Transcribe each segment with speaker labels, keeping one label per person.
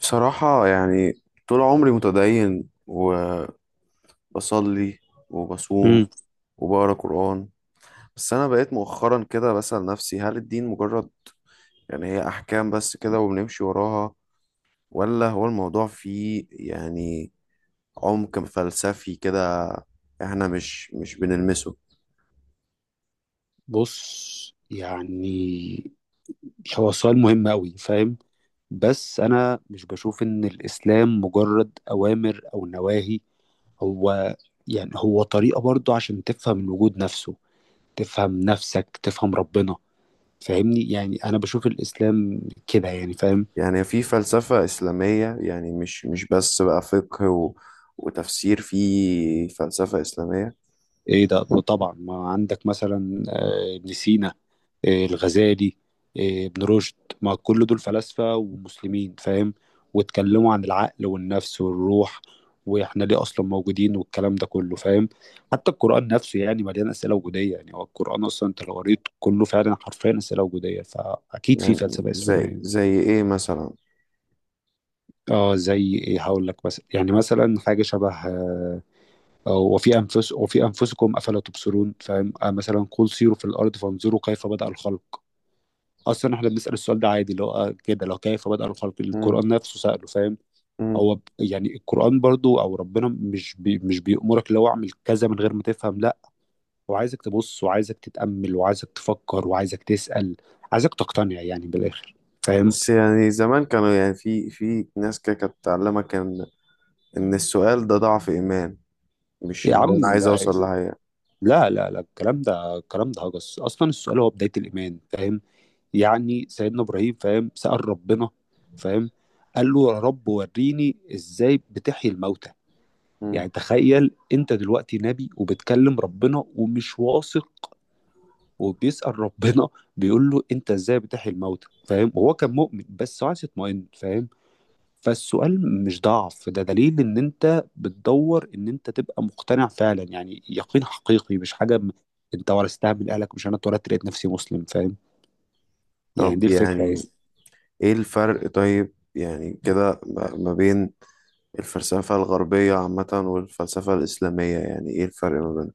Speaker 1: بصراحة يعني طول عمري متدين وبصلي وبصوم
Speaker 2: امم
Speaker 1: وبقرا قرآن. بس أنا بقيت مؤخرا كده بسأل نفسي، هل الدين مجرد يعني هي أحكام بس كده وبنمشي وراها، ولا هو الموضوع فيه يعني عمق فلسفي كده إحنا مش بنلمسه؟
Speaker 2: بص، يعني هو سؤال مهم أوي، فاهم. بس أنا مش بشوف إن الإسلام مجرد أوامر أو نواهي. هو يعني هو طريقة برضو عشان تفهم الوجود نفسه، تفهم نفسك، تفهم ربنا. فاهمني؟ يعني أنا بشوف الإسلام كده، يعني فاهم.
Speaker 1: يعني في فلسفة إسلامية، يعني مش بس بقى فقه و وتفسير، في فلسفة إسلامية.
Speaker 2: إيه ده، وطبعا ما عندك مثلا ابن سينا، الغزالي، ابن رشد. ما كل دول فلاسفة ومسلمين، فاهم. واتكلموا عن العقل والنفس والروح، واحنا ليه اصلا موجودين والكلام ده كله، فاهم. حتى القرآن نفسه يعني مليان أسئلة وجودية. يعني هو القرآن اصلا انت لو قريت كله فعلا حرفيا أسئلة وجودية، فاكيد في
Speaker 1: يعني
Speaker 2: فلسفة
Speaker 1: زي
Speaker 2: إسلامية.
Speaker 1: زي إيه مثلا؟
Speaker 2: اه زي ايه؟ هقول لك مثلا، يعني مثلا حاجه شبه وفي انفس وفي انفسكم افلا تبصرون، فاهم. مثلا قل سيروا في الارض فانظروا كيف بدأ الخلق. اصلا احنا بنسال السؤال ده عادي، اللي هو كده، لو كيف بدأ الخلق، القران نفسه ساله، فاهم.
Speaker 1: مم.
Speaker 2: يعني القران برضو او ربنا، مش بيأمرك اللي هو اعمل كذا من غير ما تفهم، لا. هو عايزك تبص، وعايزك تتأمل، وعايزك تفكر، وعايزك تسأل. عايزك تقتنع يعني بالاخر، فاهم.
Speaker 1: بس يعني زمان كانوا يعني في ناس كده كانت تعلمك ان السؤال ده ضعف ايمان، مش
Speaker 2: يا
Speaker 1: اللي هو
Speaker 2: عم
Speaker 1: انا عايز
Speaker 2: لا،
Speaker 1: اوصل لحاجه.
Speaker 2: لا لا، لا الكلام ده الكلام ده هجس. اصلا السؤال هو بداية الإيمان، فاهم. يعني سيدنا ابراهيم، فاهم، سأل ربنا، فاهم، قال له يا رب وريني ازاي بتحيي الموتى.
Speaker 1: مم.
Speaker 2: يعني تخيل انت دلوقتي نبي وبتكلم ربنا ومش واثق، وبيسأل ربنا، بيقول له انت ازاي بتحيي الموتى، فاهم. وهو كان مؤمن بس عايز يطمئن، فاهم. فالسؤال مش ضعف، ده دليل ان انت بتدور ان انت تبقى مقتنع فعلا، يعني يقين حقيقي، مش حاجة انت ورثتها من اهلك. مش انا اتولدت لقيت نفسي مسلم، فاهم. يعني
Speaker 1: طب
Speaker 2: دي الفكرة، يعني
Speaker 1: يعني ايه الفرق؟ طيب يعني كده ما بين الفلسفه الغربيه عامه والفلسفه الاسلاميه، يعني ايه الفرق ما بينهم؟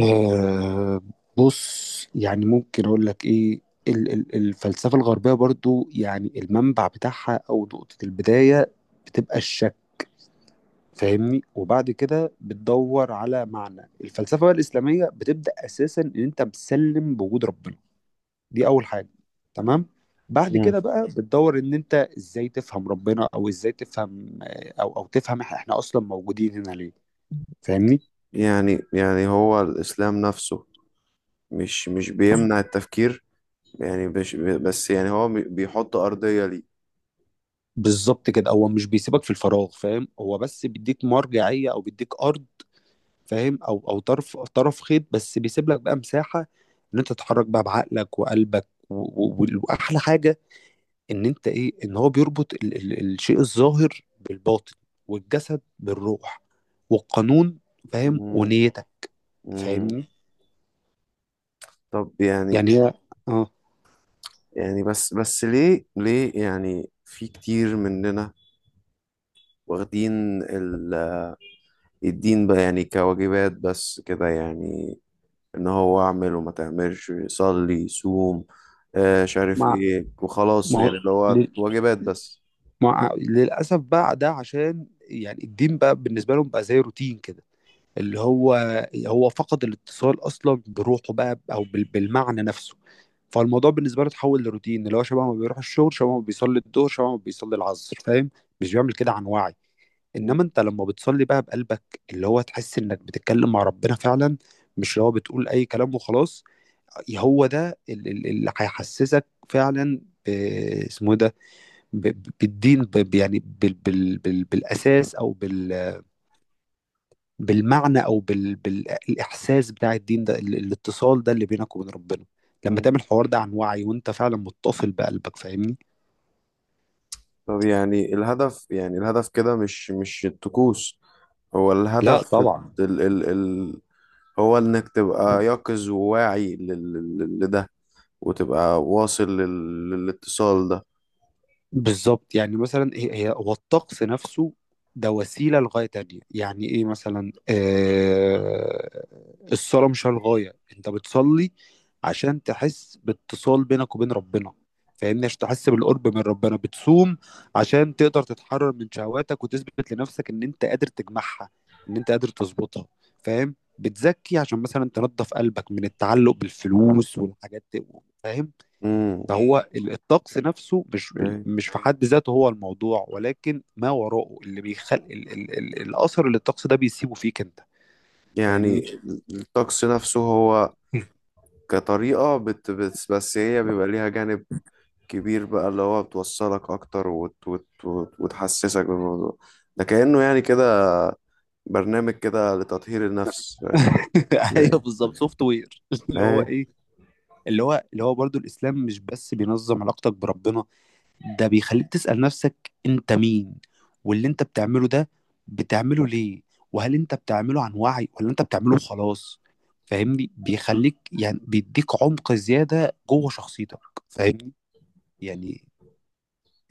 Speaker 2: آه بص، يعني ممكن اقول لك ايه. الفلسفة الغربية برضو يعني المنبع بتاعها او نقطة البداية بتبقى الشك، فاهمني. وبعد كده بتدور على معنى. الفلسفة بقى الإسلامية بتبدأ اساسا ان انت بتسلم بوجود ربنا. دي اول حاجة، تمام. بعد
Speaker 1: مم.
Speaker 2: كده بقى بتدور ان انت ازاي تفهم ربنا، او ازاي تفهم او تفهم احنا اصلا موجودين هنا ليه، فاهمني.
Speaker 1: يعني هو الاسلام نفسه مش بيمنع التفكير، يعني مش بس، يعني هو بيحط ارضيه ليه.
Speaker 2: بالظبط كده، هو مش بيسيبك في الفراغ، فاهم. هو بس بيديك مرجعية او بيديك ارض، فاهم. او طرف خيط، بس بيسيب لك بقى مساحة ان انت تتحرك بقى بعقلك وقلبك و واحلى حاجة ان انت ايه، ان هو بيربط ال الشيء الظاهر بالباطن، والجسد بالروح، والقانون، فاهم،
Speaker 1: مم.
Speaker 2: ونيتك،
Speaker 1: مم.
Speaker 2: فاهمني.
Speaker 1: طب يعني
Speaker 2: يعني هي اه
Speaker 1: يعني بس ليه يعني في كتير مننا واخدين الدين بقى يعني كواجبات بس كده، يعني ان هو اعمل وما تعملش، صلي صوم، آه مش عارف
Speaker 2: مع،
Speaker 1: ايه وخلاص،
Speaker 2: ما هو
Speaker 1: يعني اللي هو
Speaker 2: لل-
Speaker 1: واجبات بس.
Speaker 2: مع للاسف بقى ده، عشان يعني الدين بقى بالنسبة لهم بقى زي روتين كده. اللي هو هو فقد الاتصال اصلا بروحه بقى، او بالمعنى نفسه. فالموضوع بالنسبه له اتحول لروتين، اللي هو شبه ما بيروح الشغل، شبه ما بيصلي الظهر، شبه ما بيصلي العصر، فاهم. مش بيعمل كده عن وعي.
Speaker 1: م-
Speaker 2: انما انت لما بتصلي بقى بقلبك، اللي هو تحس انك بتتكلم مع ربنا فعلا. مش اللي هو بتقول اي كلام وخلاص. هو ده اللي هيحسسك فعلا، ب- اسمه إيه ده، بالدين، يعني بالاساس، او بالمعنى، او بالاحساس بتاع الدين ده، الاتصال ده اللي بينك وبين ربنا لما
Speaker 1: م.
Speaker 2: تعمل الحوار ده عن وعي، وانت فعلا متصل بقلبك، فاهمني.
Speaker 1: طب يعني الهدف، يعني الهدف كده مش الطقوس، هو
Speaker 2: لا
Speaker 1: الهدف
Speaker 2: طبعا.
Speaker 1: ال ال ال هو انك تبقى يقظ وواعي لده، وتبقى واصل للاتصال ده.
Speaker 2: بالظبط. يعني مثلا هي هو الطقس نفسه ده وسيلة لغاية تانية. يعني ايه مثلا، الصلاة مش هي الغاية. انت بتصلي عشان تحس باتصال بينك وبين ربنا، فاهمني. عشان تحس بالقرب من ربنا، بتصوم عشان تقدر تتحرر من شهواتك، وتثبت لنفسك ان انت قادر تجمعها، ان انت قادر تظبطها، فاهم. بتزكي عشان مثلا تنضف قلبك من التعلق بالفلوس والحاجات دي، فاهم.
Speaker 1: امم.
Speaker 2: فهو الطقس نفسه مش، مش في حد ذاته هو الموضوع، ولكن ما وراءه اللي بيخلق ال الاثر اللي الطقس ده بيسيبه فيك انت، فاهمني.
Speaker 1: يعني الطقس نفسه هو كطريقة بت بت بس هي بيبقى ليها جانب كبير بقى، اللي هو بتوصلك أكتر وت وت وت وتحسسك بالموضوع ده، كأنه يعني كده برنامج كده لتطهير النفس، فاهم؟
Speaker 2: ايوه،
Speaker 1: ايه.
Speaker 2: بالظبط، سوفت وير. اللي هو
Speaker 1: إيه.
Speaker 2: ايه، اللي هو برضو الاسلام مش بس بينظم علاقتك بربنا. ده بيخليك تسأل نفسك انت مين، واللي انت بتعمله ده بتعمله ليه، وهل انت بتعمله عن وعي ولا انت بتعمله خلاص، فاهمني. بيخليك يعني بيديك عمق زيادة جوه شخصيتك، فاهمني. يعني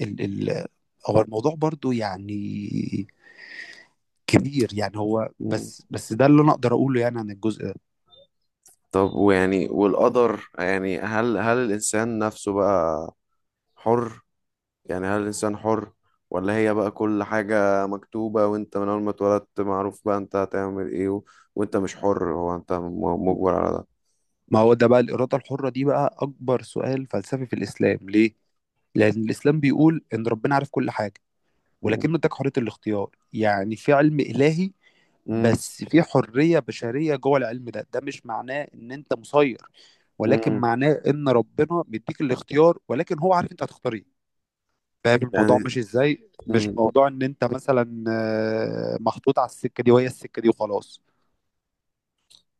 Speaker 2: ال ال هو الموضوع برضو يعني كبير، يعني هو
Speaker 1: مم.
Speaker 2: بس ده اللي انا اقدر اقوله يعني عن الجزء ده.
Speaker 1: طب ويعني والقدر، يعني هل الإنسان نفسه بقى حر؟ يعني هل الإنسان حر؟ ولا هي بقى كل حاجة مكتوبة، وأنت من أول ما اتولدت معروف بقى أنت هتعمل إيه وأنت مش حر، هو أنت مجبر على ده.
Speaker 2: ما هو ده بقى الاراده الحره دي بقى اكبر سؤال فلسفي في الاسلام. ليه؟ لان الاسلام بيقول ان ربنا عارف كل حاجه،
Speaker 1: مم.
Speaker 2: ولكنه اداك حريه الاختيار. يعني في علم الهي،
Speaker 1: مم.
Speaker 2: بس في حريه بشريه جوه العلم ده. ده مش معناه ان انت مسير، ولكن
Speaker 1: مم.
Speaker 2: معناه ان ربنا مديك الاختيار، ولكن هو عارف انت هتختار ايه، فاهم. الموضوع
Speaker 1: يعني
Speaker 2: مش ازاي، مش
Speaker 1: مم.
Speaker 2: موضوع ان انت مثلا محطوط على السكه دي وهي السكه دي وخلاص.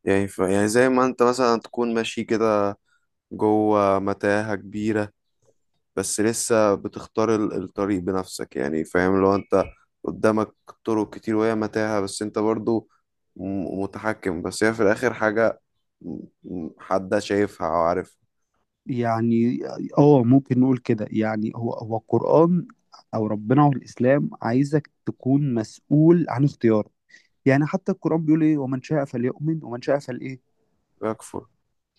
Speaker 1: يعني يعني زي ما أنت مثلا تكون ماشي كده جوه متاهة كبيرة، بس لسه بتختار الطريق بنفسك، يعني فاهم؟ لو أنت قدامك طرق كتير وهي متاهة، بس أنت برضو متحكم، بس هي في الآخر حاجة م- حد شايفها أو عارفها.
Speaker 2: يعني اه ممكن نقول كده. يعني هو القرآن او ربنا والاسلام عايزك تكون مسؤول عن اختيارك. يعني حتى القرآن بيقول ايه، ومن شاء فليؤمن ومن شاء فلإيه،
Speaker 1: يكفر.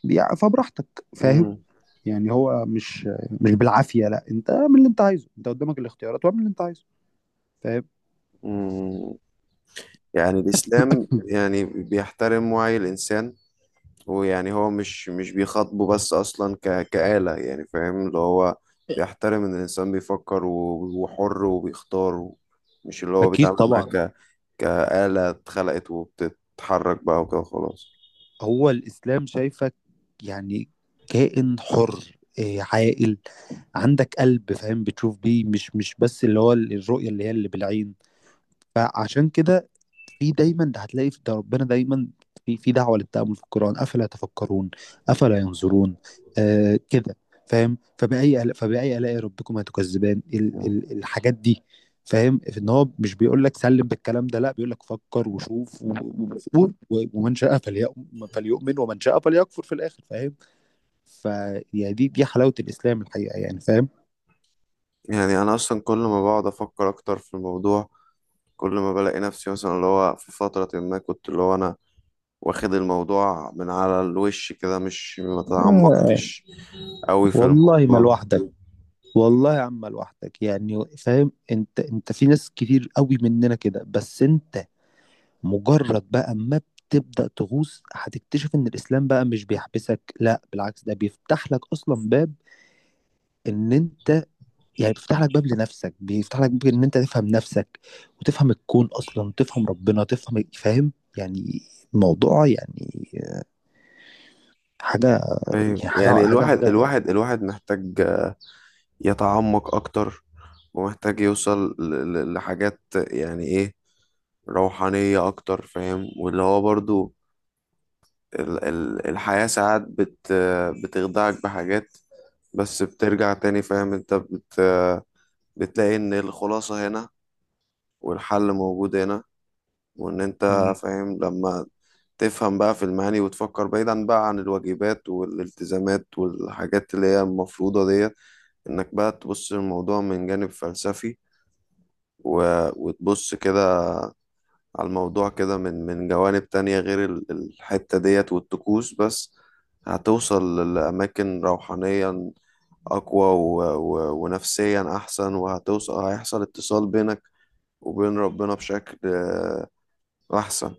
Speaker 2: فبراحتك، فاهم.
Speaker 1: مم.
Speaker 2: يعني هو مش، مش بالعافية، لا. انت اعمل اللي انت عايزه، انت قدامك الاختيارات، واعمل اللي انت عايزه، فاهم.
Speaker 1: مم. يعني الإسلام يعني بيحترم وعي الإنسان، ويعني هو مش بيخاطبه بس أصلا كآلة، يعني فاهم اللي هو بيحترم إن الإنسان بيفكر وحر وبيختار مش اللي هو
Speaker 2: أكيد
Speaker 1: بيتعامل معاه
Speaker 2: طبعا.
Speaker 1: كآلة اتخلقت وبتتحرك بقى وكده خلاص.
Speaker 2: هو الإسلام شايفك يعني كائن حر، إيه، عاقل، عندك قلب، فاهم. بتشوف بيه، مش مش بس اللي هو الرؤية اللي هي اللي بالعين. فعشان كده في دايما ده، هتلاقي في ده ربنا دايما، في دعوة للتأمل في القرآن، أفلا تفكرون، أفلا ينظرون، كده، فاهم. فبأي آلاء ربكما تكذبان، ال
Speaker 1: مم.
Speaker 2: ال الحاجات دي، فاهم. في ان هو مش بيقول لك سلم بالكلام ده، لا، بيقول لك فكر وشوف و ومن شاء فليؤمن، ومن شاء فليكفر في الآخر، فاهم. فدي دي دي حلاوة الإسلام الحقيقة، يعني فاهم.
Speaker 1: يعني أنا أصلا كل ما بقعد أفكر أكتر في الموضوع، كل ما بلاقي نفسي، مثلا اللي هو في فترة ما كنت، اللي هو أنا واخد الموضوع من على الوش كده، مش ما
Speaker 2: آه
Speaker 1: تعمقتش قوي في
Speaker 2: والله ما
Speaker 1: الموضوع.
Speaker 2: لوحدك. والله يا عم لوحدك، يعني فاهم. انت في ناس كتير قوي مننا كده. بس انت مجرد بقى ما بتبدأ تغوص، هتكتشف ان الاسلام بقى مش بيحبسك، لا بالعكس، ده بيفتح لك اصلا باب ان انت يعني، بيفتح لك باب لنفسك، بيفتح لك باب ان انت تفهم نفسك، وتفهم الكون اصلا، تفهم ربنا، تفهم، فاهم. يعني الموضوع، يعني حاجة،
Speaker 1: ايوه،
Speaker 2: يعني حاجة
Speaker 1: يعني
Speaker 2: حاجة
Speaker 1: الواحد
Speaker 2: حاجة.
Speaker 1: محتاج يتعمق اكتر، ومحتاج يوصل لحاجات يعني ايه، روحانية اكتر، فاهم؟ واللي هو برضو الحياة ساعات بتخدعك بحاجات، بس بترجع تاني، فاهم انت بتلاقي ان الخلاصة هنا، والحل موجود هنا، وان انت فاهم لما تفهم بقى في المعاني، وتفكر بعيدا بقى عن الواجبات والالتزامات والحاجات اللي هي المفروضة ديت، انك بقى تبص للموضوع من جانب فلسفي، وتبص كده على الموضوع كده من جوانب تانية غير الحتة ديت والطقوس بس، هتوصل لأماكن روحانيا أقوى ونفسيا أحسن، هيحصل اتصال بينك وبين ربنا بشكل أحسن.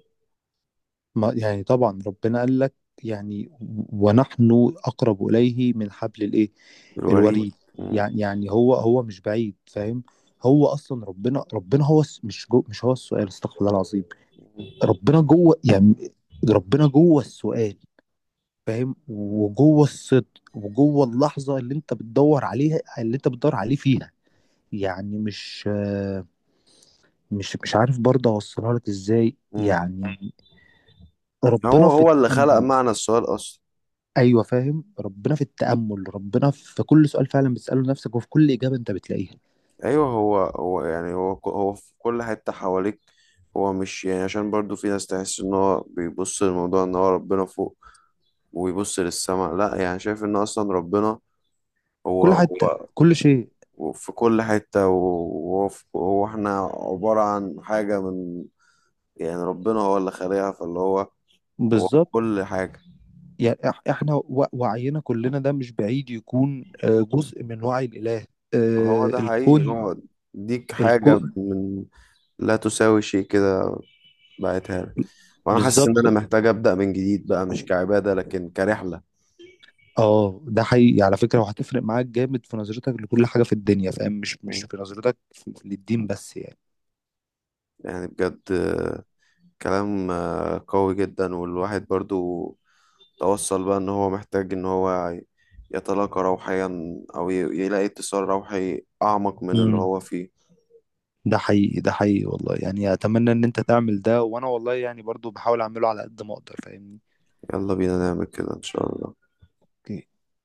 Speaker 2: ما يعني طبعا ربنا قال لك، يعني ونحن أقرب إليه من حبل الإيه،
Speaker 1: بالوريد.
Speaker 2: الوريد.
Speaker 1: مم.
Speaker 2: يعني يعني هو مش بعيد، فاهم. هو أصلا ربنا، مش جو مش هو السؤال، استغفر الله العظيم. ربنا جوه يعني، ربنا جوه السؤال، فاهم. وجوه الصدق وجوه اللحظة اللي أنت بتدور عليها اللي أنت بتدور عليه فيها. يعني مش مش مش عارف برضه أوصلها لك إزاي
Speaker 1: مم.
Speaker 2: يعني. ربنا
Speaker 1: هو
Speaker 2: في
Speaker 1: هو اللي خلق
Speaker 2: التأمل.
Speaker 1: معنى السؤال أصلا.
Speaker 2: ايوه فاهم، ربنا في التأمل، ربنا في كل سؤال فعلا بتسأله لنفسك، وفي كل إجابة انت بتلاقيها.
Speaker 1: ايوه، هو يعني هو في كل حته حواليك، هو مش يعني عشان برضو في ناس تحس ان هو بيبص للموضوع ان هو ربنا فوق ويبص للسماء، لا يعني شايف ان اصلا ربنا هو
Speaker 2: كل حتة،
Speaker 1: هو
Speaker 2: كل شيء.
Speaker 1: هو في كل حته، وهو هو احنا عباره عن حاجه من، يعني ربنا هو اللي خالقها، فاللي هو في
Speaker 2: بالظبط.
Speaker 1: كل حاجه.
Speaker 2: يعني احنا وعينا كلنا ده مش بعيد يكون جزء من وعي الإله،
Speaker 1: هو ده حقيقي،
Speaker 2: الكون.
Speaker 1: هو ديك حاجه
Speaker 2: الكون.
Speaker 1: من لا تساوي شيء كده، بعتها لك، وانا حاسس ان
Speaker 2: بالظبط.
Speaker 1: انا محتاج ابدا من جديد بقى مش كعباده لكن كرحله.
Speaker 2: اه ده حقيقي على فكرة، وهتفرق معاك جامد في نظرتك لكل حاجة في الدنيا، فاهم. مش مش
Speaker 1: مم.
Speaker 2: في نظرتك للدين بس، يعني.
Speaker 1: يعني بجد كلام قوي جدا، والواحد برضو توصل بقى ان هو محتاج ان هو يتلاقى روحيا، او يلاقي اتصال روحي اعمق من اللي
Speaker 2: امم
Speaker 1: هو فيه.
Speaker 2: ده حقيقي، ده حقيقي والله، يعني اتمنى ان انت تعمل ده، وانا والله يعني برضو بحاول اعمله على قد ما اقدر، فاهمني.
Speaker 1: يلا بينا نعمل كده ان شاء الله.